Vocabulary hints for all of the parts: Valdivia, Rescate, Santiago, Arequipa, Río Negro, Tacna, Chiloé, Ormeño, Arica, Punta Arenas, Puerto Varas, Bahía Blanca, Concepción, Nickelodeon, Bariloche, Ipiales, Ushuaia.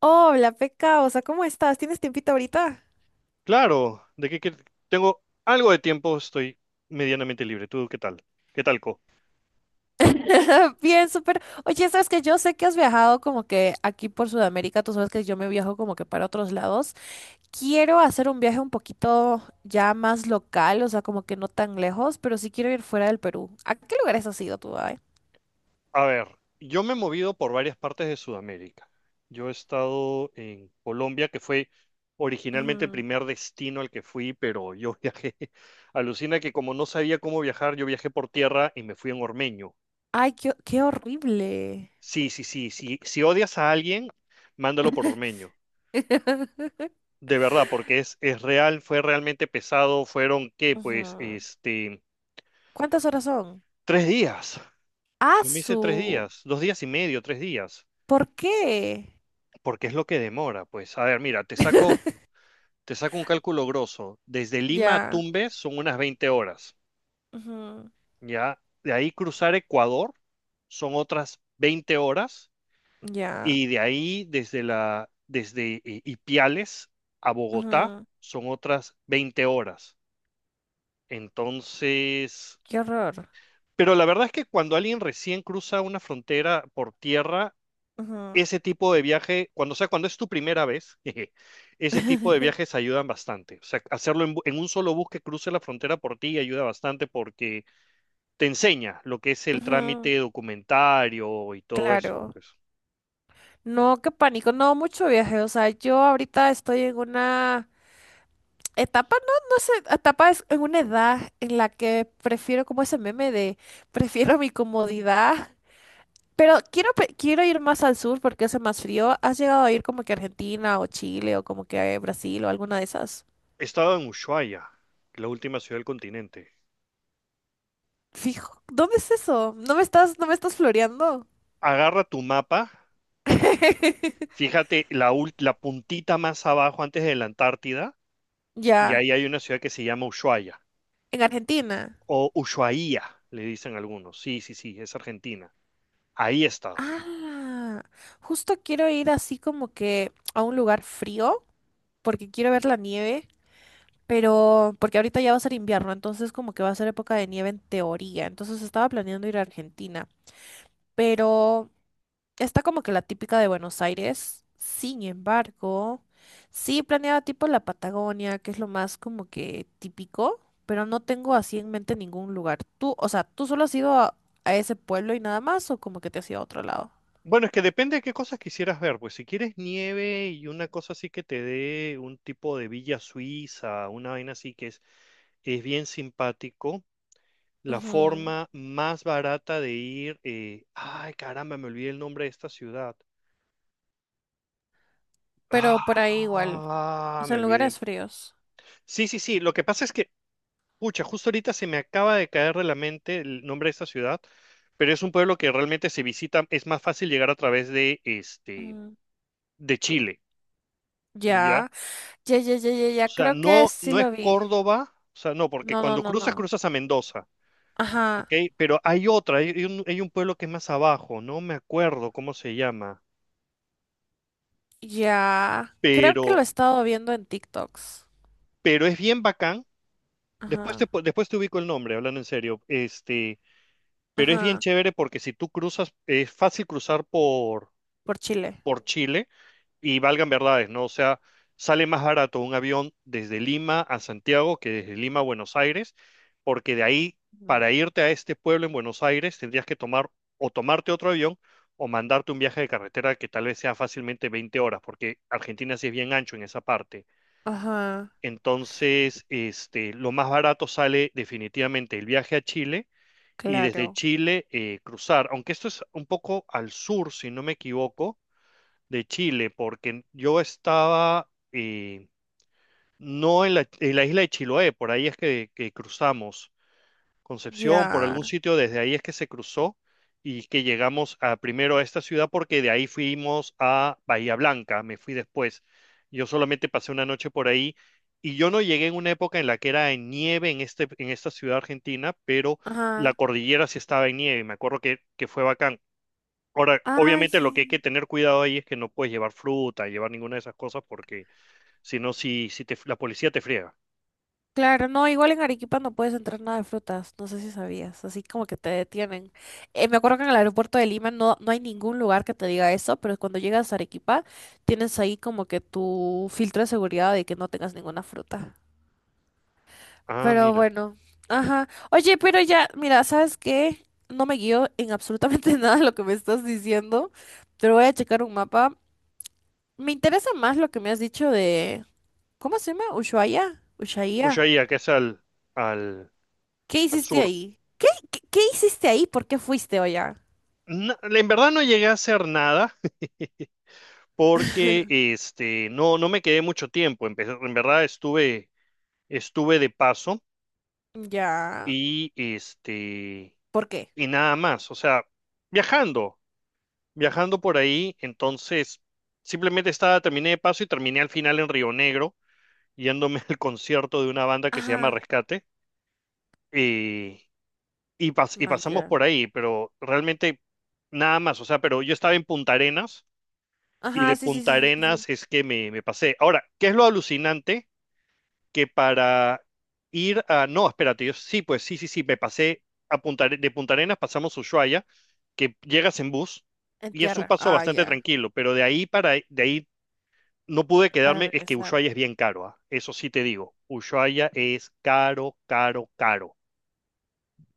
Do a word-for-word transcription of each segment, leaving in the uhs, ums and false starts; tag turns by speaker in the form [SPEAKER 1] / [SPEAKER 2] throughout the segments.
[SPEAKER 1] Hola, Pecaosa, ¿cómo estás? ¿Tienes tiempito ahorita?
[SPEAKER 2] Claro, de que, que tengo algo de tiempo, estoy medianamente libre. ¿Tú qué tal? ¿Qué tal, Co?
[SPEAKER 1] Bien, súper. Oye, sabes que yo sé que has viajado como que aquí por Sudamérica, tú sabes que yo me viajo como que para otros lados. Quiero hacer un viaje un poquito ya más local, o sea, como que no tan lejos, pero sí quiero ir fuera del Perú. ¿A qué lugares has ido tú, ay?
[SPEAKER 2] A ver, yo me he movido por varias partes de Sudamérica. Yo he estado en Colombia, que fue originalmente el
[SPEAKER 1] Ujú.
[SPEAKER 2] primer destino al que fui, pero yo viajé. Alucina que como no sabía cómo viajar, yo viajé por tierra y me fui en Ormeño.
[SPEAKER 1] Ay, qué, qué horrible.
[SPEAKER 2] Sí, sí, sí, sí. Si odias a alguien, mándalo por Ormeño. De verdad, porque es, es real, fue realmente pesado. Fueron, ¿qué? Pues,
[SPEAKER 1] Ujú.
[SPEAKER 2] este,
[SPEAKER 1] ¿Cuántas horas son?
[SPEAKER 2] tres días. Yo me hice tres
[SPEAKER 1] ¡Asu!
[SPEAKER 2] días, dos días y medio, tres días,
[SPEAKER 1] ¿Por qué?
[SPEAKER 2] porque es lo que demora, pues. A ver, mira, te saco, te saco un cálculo grosso. Desde Lima a
[SPEAKER 1] Ya.
[SPEAKER 2] Tumbes son unas veinte horas,
[SPEAKER 1] Ujú.
[SPEAKER 2] ¿ya? De ahí cruzar Ecuador son otras veinte horas,
[SPEAKER 1] Ya.
[SPEAKER 2] y de ahí desde la, desde I- Ipiales a Bogotá
[SPEAKER 1] Ujú.
[SPEAKER 2] son otras veinte horas. Entonces,
[SPEAKER 1] Qué horror.
[SPEAKER 2] pero la verdad es que cuando alguien recién cruza una frontera por tierra,
[SPEAKER 1] Ujú.
[SPEAKER 2] ese tipo de viaje, cuando, o sea, cuando es tu primera vez, jeje, ese tipo de viajes ayudan bastante. O sea, hacerlo en, bu- en un solo bus que cruce la frontera por ti ayuda bastante porque te enseña lo que es el
[SPEAKER 1] Ujú,
[SPEAKER 2] trámite documentario y todo eso,
[SPEAKER 1] claro.
[SPEAKER 2] pues.
[SPEAKER 1] No, qué pánico, no mucho viaje. O sea, yo ahorita estoy en una etapa, no, no sé, etapa es en una edad en la que prefiero como ese meme de prefiero mi comodidad. Pero quiero, pe- quiero ir más al sur porque hace más frío. ¿Has llegado a ir como que a Argentina o Chile o como que a Brasil o alguna de esas?
[SPEAKER 2] He estado en Ushuaia, la última ciudad del continente.
[SPEAKER 1] Fijo, ¿dónde es eso? ¿No me estás, no me estás floreando?
[SPEAKER 2] Agarra tu mapa, fíjate la, ul- la puntita más abajo antes de la Antártida, y
[SPEAKER 1] Ya,
[SPEAKER 2] ahí hay una ciudad que se llama Ushuaia,
[SPEAKER 1] en Argentina.
[SPEAKER 2] o Ushuaia, le dicen algunos. Sí, sí, sí, es Argentina. Ahí he estado.
[SPEAKER 1] Ah, justo quiero ir así como que a un lugar frío, porque quiero ver la nieve, pero porque ahorita ya va a ser invierno, entonces como que va a ser época de nieve en teoría. Entonces estaba planeando ir a Argentina, pero está como que la típica de Buenos Aires. Sin embargo, sí planeaba tipo la Patagonia, que es lo más como que típico, pero no tengo así en mente ningún lugar. Tú, o sea, ¿tú solo has ido a, a ese pueblo y nada más o como que te has ido a otro lado?
[SPEAKER 2] Bueno, es que depende de qué cosas quisieras ver, pues si quieres nieve y una cosa así que te dé un tipo de villa suiza, una vaina así que es, es bien simpático, la
[SPEAKER 1] Ujú.
[SPEAKER 2] forma más barata de ir, eh, ay caramba, me olvidé el nombre de esta ciudad.
[SPEAKER 1] Pero por ahí igual, o
[SPEAKER 2] Ah, me
[SPEAKER 1] sea, en
[SPEAKER 2] olvidé.
[SPEAKER 1] lugares fríos.
[SPEAKER 2] Sí, sí, sí, lo que pasa es que, pucha, justo ahorita se me acaba de caer de la mente el nombre de esta ciudad, pero es un pueblo que realmente se visita, es más fácil llegar a través de, este,
[SPEAKER 1] Mm,
[SPEAKER 2] de Chile, ¿ya?
[SPEAKER 1] ya, ya, ya, ya, ya,
[SPEAKER 2] O
[SPEAKER 1] ya,
[SPEAKER 2] sea,
[SPEAKER 1] creo que
[SPEAKER 2] no,
[SPEAKER 1] sí
[SPEAKER 2] no es
[SPEAKER 1] lo vi.
[SPEAKER 2] Córdoba, o sea, no, porque
[SPEAKER 1] No, no,
[SPEAKER 2] cuando
[SPEAKER 1] no,
[SPEAKER 2] cruzas,
[SPEAKER 1] no.
[SPEAKER 2] cruzas a Mendoza, ¿ok?
[SPEAKER 1] Ajá,
[SPEAKER 2] Pero hay otra, hay, hay un, hay un pueblo que es más abajo, no me acuerdo cómo se llama,
[SPEAKER 1] ya. Creo que lo he
[SPEAKER 2] pero,
[SPEAKER 1] estado viendo en TikToks.
[SPEAKER 2] pero es bien bacán. Después te,
[SPEAKER 1] Ajá,
[SPEAKER 2] pu- después te ubico el nombre, hablando en serio. Este, pero es bien
[SPEAKER 1] ajá,
[SPEAKER 2] chévere porque si tú cruzas, es fácil cruzar por,
[SPEAKER 1] por Chile.
[SPEAKER 2] por Chile y valgan verdades, ¿no? O sea, sale más barato un avión desde Lima a Santiago que desde Lima a Buenos Aires, porque de ahí,
[SPEAKER 1] Ujú.
[SPEAKER 2] para irte a este pueblo en Buenos Aires, tendrías que tomar o tomarte otro avión o mandarte un viaje de carretera que tal vez sea fácilmente veinte horas, porque Argentina sí es bien ancho en esa parte.
[SPEAKER 1] Ajá,
[SPEAKER 2] Entonces, este, lo más barato sale definitivamente el viaje a Chile y desde
[SPEAKER 1] claro,
[SPEAKER 2] Chile eh, cruzar, aunque esto es un poco al sur, si no me equivoco, de Chile, porque yo estaba eh, no en la, en la isla de Chiloé, por ahí es que, que cruzamos Concepción, por
[SPEAKER 1] ya,
[SPEAKER 2] algún sitio, desde ahí es que se cruzó y que llegamos a, primero a esta ciudad porque de ahí fuimos a Bahía Blanca, me fui después. Yo solamente pasé una noche por ahí y yo no llegué en una época en la que era en nieve en, este, en esta ciudad argentina, pero la
[SPEAKER 1] ajá.
[SPEAKER 2] cordillera sí estaba en nieve, me acuerdo que, que fue bacán. Ahora,
[SPEAKER 1] Ay,
[SPEAKER 2] obviamente lo que hay que
[SPEAKER 1] sí.
[SPEAKER 2] tener cuidado ahí es que no puedes llevar fruta, llevar ninguna de esas cosas, porque si no, si, si te, la policía te friega.
[SPEAKER 1] Claro, no, igual en Arequipa no puedes entrar nada de frutas, no sé si sabías, así como que te detienen. Eh, me acuerdo que en el aeropuerto de Lima no, no hay ningún lugar que te diga eso, pero cuando llegas a Arequipa tienes ahí como que tu filtro de seguridad de que no tengas ninguna fruta.
[SPEAKER 2] Ah,
[SPEAKER 1] Pero
[SPEAKER 2] mira.
[SPEAKER 1] bueno, ajá. Oye, pero ya, mira, ¿sabes qué? No me guío en absolutamente nada de lo que me estás diciendo, pero voy a checar un mapa. Me interesa más lo que me has dicho de, ¿cómo se llama? Ushuaia, Ushuaia.
[SPEAKER 2] Ushuaia, que es al, al,
[SPEAKER 1] ¿Qué
[SPEAKER 2] al
[SPEAKER 1] hiciste
[SPEAKER 2] sur.
[SPEAKER 1] ahí? ¿Qué, qué, qué hiciste ahí? ¿Por qué fuiste, allá?
[SPEAKER 2] No, en verdad no llegué a hacer nada porque este, no, no me quedé mucho tiempo. Empecé- en verdad estuve, estuve de paso
[SPEAKER 1] Ya.
[SPEAKER 2] y, este,
[SPEAKER 1] ¿Por qué?
[SPEAKER 2] y nada más. O sea, viajando, viajando por ahí. Entonces, simplemente estaba, terminé de paso y terminé al final en Río Negro yéndome al concierto de una banda que se llama
[SPEAKER 1] Ajá.
[SPEAKER 2] Rescate y, y, pas- y
[SPEAKER 1] Man,
[SPEAKER 2] pasamos
[SPEAKER 1] ya.
[SPEAKER 2] por ahí, pero realmente nada más, o sea, pero yo estaba en Punta Arenas y de
[SPEAKER 1] Ajá, sí, sí,
[SPEAKER 2] Punta
[SPEAKER 1] sí, sí, sí. Sí.
[SPEAKER 2] Arenas es que me, me pasé. Ahora, ¿qué es lo alucinante? Que para ir a... No, espérate, yo sí, pues sí, sí, sí, me pasé a Punta, Are- de Punta Arenas, pasamos a Ushuaia, que llegas en bus.
[SPEAKER 1] En
[SPEAKER 2] Y es un
[SPEAKER 1] tierra.
[SPEAKER 2] paso
[SPEAKER 1] Ah,
[SPEAKER 2] bastante
[SPEAKER 1] ya.
[SPEAKER 2] tranquilo, pero de ahí para de ahí No pude
[SPEAKER 1] Para
[SPEAKER 2] quedarme, es que
[SPEAKER 1] regresar.
[SPEAKER 2] Ushuaia es bien caro, ¿ah? Eso sí te digo, Ushuaia es caro, caro, caro.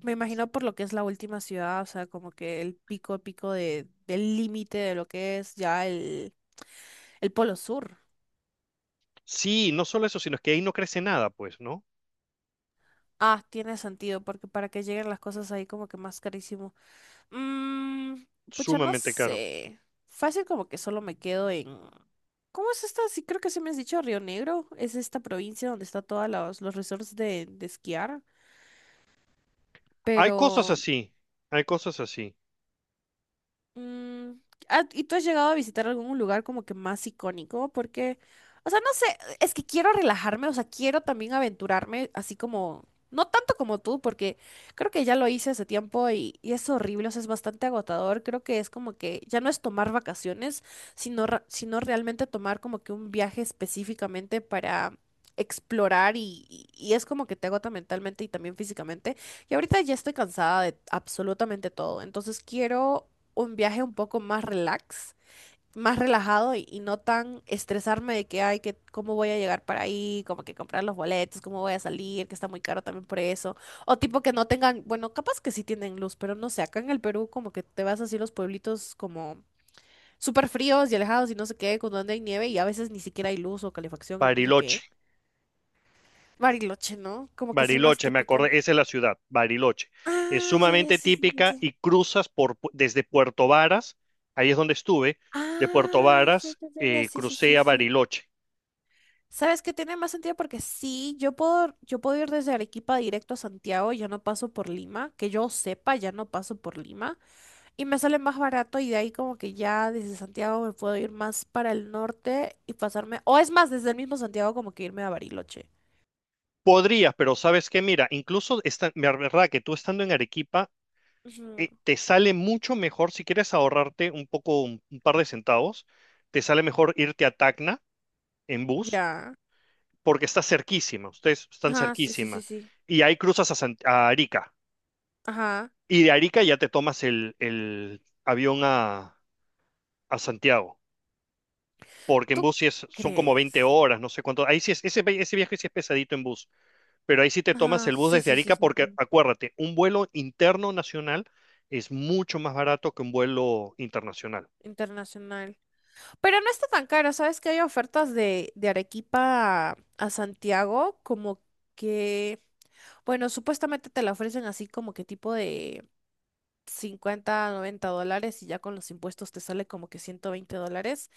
[SPEAKER 1] Me imagino por lo que es la última ciudad, o sea, como que el pico, pico de, del límite de lo que es ya el, el polo sur.
[SPEAKER 2] Sí, no solo eso, sino es que ahí no crece nada, pues, ¿no?
[SPEAKER 1] Ah, tiene sentido, porque para que lleguen las cosas ahí como que más carísimo. Mmm, pucha, no
[SPEAKER 2] Sumamente caro.
[SPEAKER 1] sé. Fácil como que solo me quedo en... ¿Cómo es esta? Sí, creo que se me has dicho Río Negro. Es esta provincia donde está todos los, los resorts de, de esquiar.
[SPEAKER 2] Hay cosas
[SPEAKER 1] Pero
[SPEAKER 2] así, hay cosas así.
[SPEAKER 1] Mm, ah, ¿y tú has llegado a visitar algún lugar como que más icónico? Porque, o sea, no sé, es que quiero relajarme, o sea, quiero también aventurarme, así como, no tanto como tú, porque creo que ya lo hice hace tiempo y, y es horrible, o sea, es bastante agotador. Creo que es como que ya no es tomar vacaciones, sino, ra- sino realmente tomar como que un viaje específicamente para... explorar y, y y es como que te agota mentalmente y también físicamente. Y ahorita ya estoy cansada de absolutamente todo, entonces quiero un viaje un poco más relax, más relajado y, y no tan estresarme de que, ay, que cómo voy a llegar para ahí, como que comprar los boletos, cómo voy a salir, que está muy caro también por eso. O tipo que no tengan, bueno, capaz que sí tienen luz, pero no sé, acá en el Perú como que te vas así a los pueblitos como súper fríos y alejados y no sé qué, con donde hay nieve y a veces ni siquiera hay luz o calefacción y no sé
[SPEAKER 2] Bariloche,
[SPEAKER 1] qué. Bariloche, ¿no? Como que es el más
[SPEAKER 2] Bariloche, me
[SPEAKER 1] típico.
[SPEAKER 2] acordé, esa es la ciudad, Bariloche. Es
[SPEAKER 1] Ah, ya, ya,
[SPEAKER 2] sumamente
[SPEAKER 1] sí, sí, sí.
[SPEAKER 2] típica
[SPEAKER 1] Sí.
[SPEAKER 2] y cruzas por, pu- desde Puerto Varas, ahí es donde estuve, de Puerto
[SPEAKER 1] Ah, ya,
[SPEAKER 2] Varas
[SPEAKER 1] ya, ya, ya,
[SPEAKER 2] eh,
[SPEAKER 1] sí, sí, sí,
[SPEAKER 2] crucé a
[SPEAKER 1] sí.
[SPEAKER 2] Bariloche.
[SPEAKER 1] ¿Sabes qué tiene más sentido? Porque sí, yo puedo, yo puedo ir desde Arequipa directo a Santiago, ya no paso por Lima, que yo sepa, ya no paso por Lima, y me sale más barato y de ahí como que ya desde Santiago me puedo ir más para el norte y pasarme, o es más, desde el mismo Santiago como que irme a Bariloche.
[SPEAKER 2] Podrías, pero sabes qué, mira, incluso esta, la verdad que tú estando en Arequipa
[SPEAKER 1] Ujú,
[SPEAKER 2] eh, te sale mucho mejor, si quieres ahorrarte un poco, un, un par de centavos, te sale mejor irte a Tacna en bus,
[SPEAKER 1] ya.
[SPEAKER 2] porque está cerquísima, ustedes están
[SPEAKER 1] Ajá, sí, sí, sí,
[SPEAKER 2] cerquísima.
[SPEAKER 1] sí.
[SPEAKER 2] Y ahí cruzas a, San- a Arica.
[SPEAKER 1] Ajá.
[SPEAKER 2] Y de Arica ya te tomas el, el avión a, a Santiago, porque en
[SPEAKER 1] ¿Tú
[SPEAKER 2] bus sí es- son como veinte
[SPEAKER 1] crees?
[SPEAKER 2] horas, no sé cuánto. Ahí sí es, ese, vi- ese viaje sí es pesadito en bus, pero ahí sí te tomas
[SPEAKER 1] Ajá,
[SPEAKER 2] el bus
[SPEAKER 1] sí,
[SPEAKER 2] desde
[SPEAKER 1] sí, sí,
[SPEAKER 2] Arica,
[SPEAKER 1] sí,
[SPEAKER 2] porque
[SPEAKER 1] sí.
[SPEAKER 2] acuérdate, un vuelo interno nacional es mucho más barato que un vuelo internacional.
[SPEAKER 1] Internacional. Pero no está tan caro, ¿sabes? Que hay ofertas de, de Arequipa a, a Santiago, como que, bueno, supuestamente te la ofrecen así como que tipo de cincuenta, noventa dólares y ya con los impuestos te sale como que ciento veinte dólares.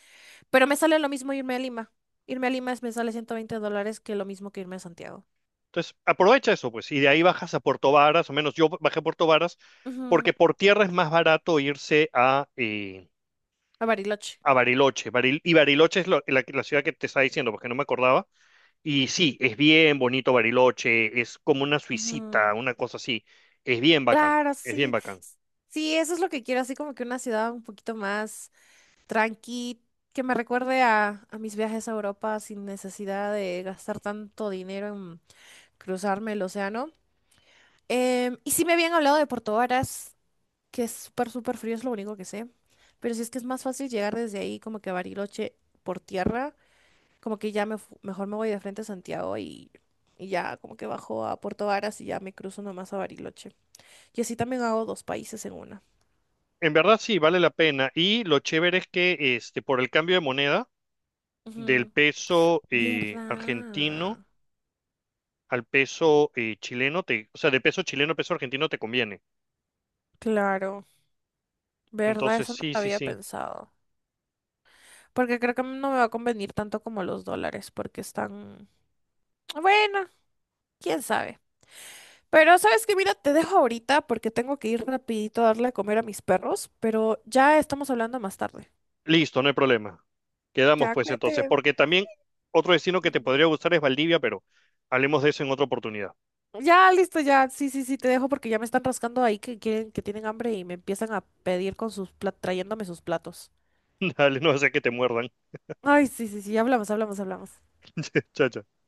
[SPEAKER 1] Pero me sale lo mismo irme a Lima. Irme a Lima es- me sale ciento veinte dólares que lo mismo que irme a Santiago.
[SPEAKER 2] Entonces, aprovecha eso, pues, y de ahí bajas a Puerto Varas, o menos yo bajé a Puerto Varas,
[SPEAKER 1] Ujú,
[SPEAKER 2] porque por tierra es más barato irse a, eh,
[SPEAKER 1] a Bariloche.
[SPEAKER 2] a Bariloche. Baril- y Bariloche es lo- la, la ciudad que te estaba diciendo, porque no me acordaba. Y sí, es bien bonito Bariloche, es como una
[SPEAKER 1] Ujú,
[SPEAKER 2] suicita, una cosa así. Es bien bacán,
[SPEAKER 1] claro,
[SPEAKER 2] es bien
[SPEAKER 1] sí.
[SPEAKER 2] bacán.
[SPEAKER 1] s- Sí, eso es lo que quiero, así como que una ciudad un poquito más tranqui, que me recuerde a, a mis viajes a Europa sin necesidad de gastar tanto dinero en cruzarme el océano. Em, y sí me habían hablado de Puerto Varas, que es súper, súper frío, es lo único que sé. Pero si es que es más fácil llegar desde ahí como que a Bariloche por tierra, como que ya me fu- mejor me voy de frente a Santiago y, y ya como que bajo a Puerto Varas y ya me cruzo nomás a Bariloche. Y así también hago dos países en una.
[SPEAKER 2] En verdad sí, vale la pena. Y lo chévere es que este, por el cambio de moneda del
[SPEAKER 1] Ujú.
[SPEAKER 2] peso eh, argentino
[SPEAKER 1] ¿Verdad?
[SPEAKER 2] al peso eh, chileno, te, o sea, del peso chileno al peso argentino te conviene.
[SPEAKER 1] Claro. ¿Verdad?
[SPEAKER 2] Entonces,
[SPEAKER 1] Eso no
[SPEAKER 2] sí,
[SPEAKER 1] lo
[SPEAKER 2] sí,
[SPEAKER 1] había
[SPEAKER 2] sí.
[SPEAKER 1] pensado. Porque creo que no me va a convenir tanto como los dólares, porque están... Bueno, quién sabe. Pero sabes que, mira, te dejo ahorita porque tengo que ir rapidito a darle a comer a mis perros, pero ya estamos hablando más tarde.
[SPEAKER 2] Listo, no hay problema. Quedamos
[SPEAKER 1] Ya,
[SPEAKER 2] pues entonces,
[SPEAKER 1] cuídate.
[SPEAKER 2] porque también otro destino que te
[SPEAKER 1] Mm.
[SPEAKER 2] podría gustar es Valdivia, pero hablemos de eso en otra oportunidad.
[SPEAKER 1] Ya, listo, ya. Sí, sí, sí, te dejo porque ya me están rascando ahí que quieren, que tienen hambre y me empiezan a pedir con sus platos, trayéndome sus platos.
[SPEAKER 2] Dale, no sé que te muerdan.
[SPEAKER 1] Ay, sí, sí, sí, hablamos, hablamos, hablamos.
[SPEAKER 2] Chao, chao.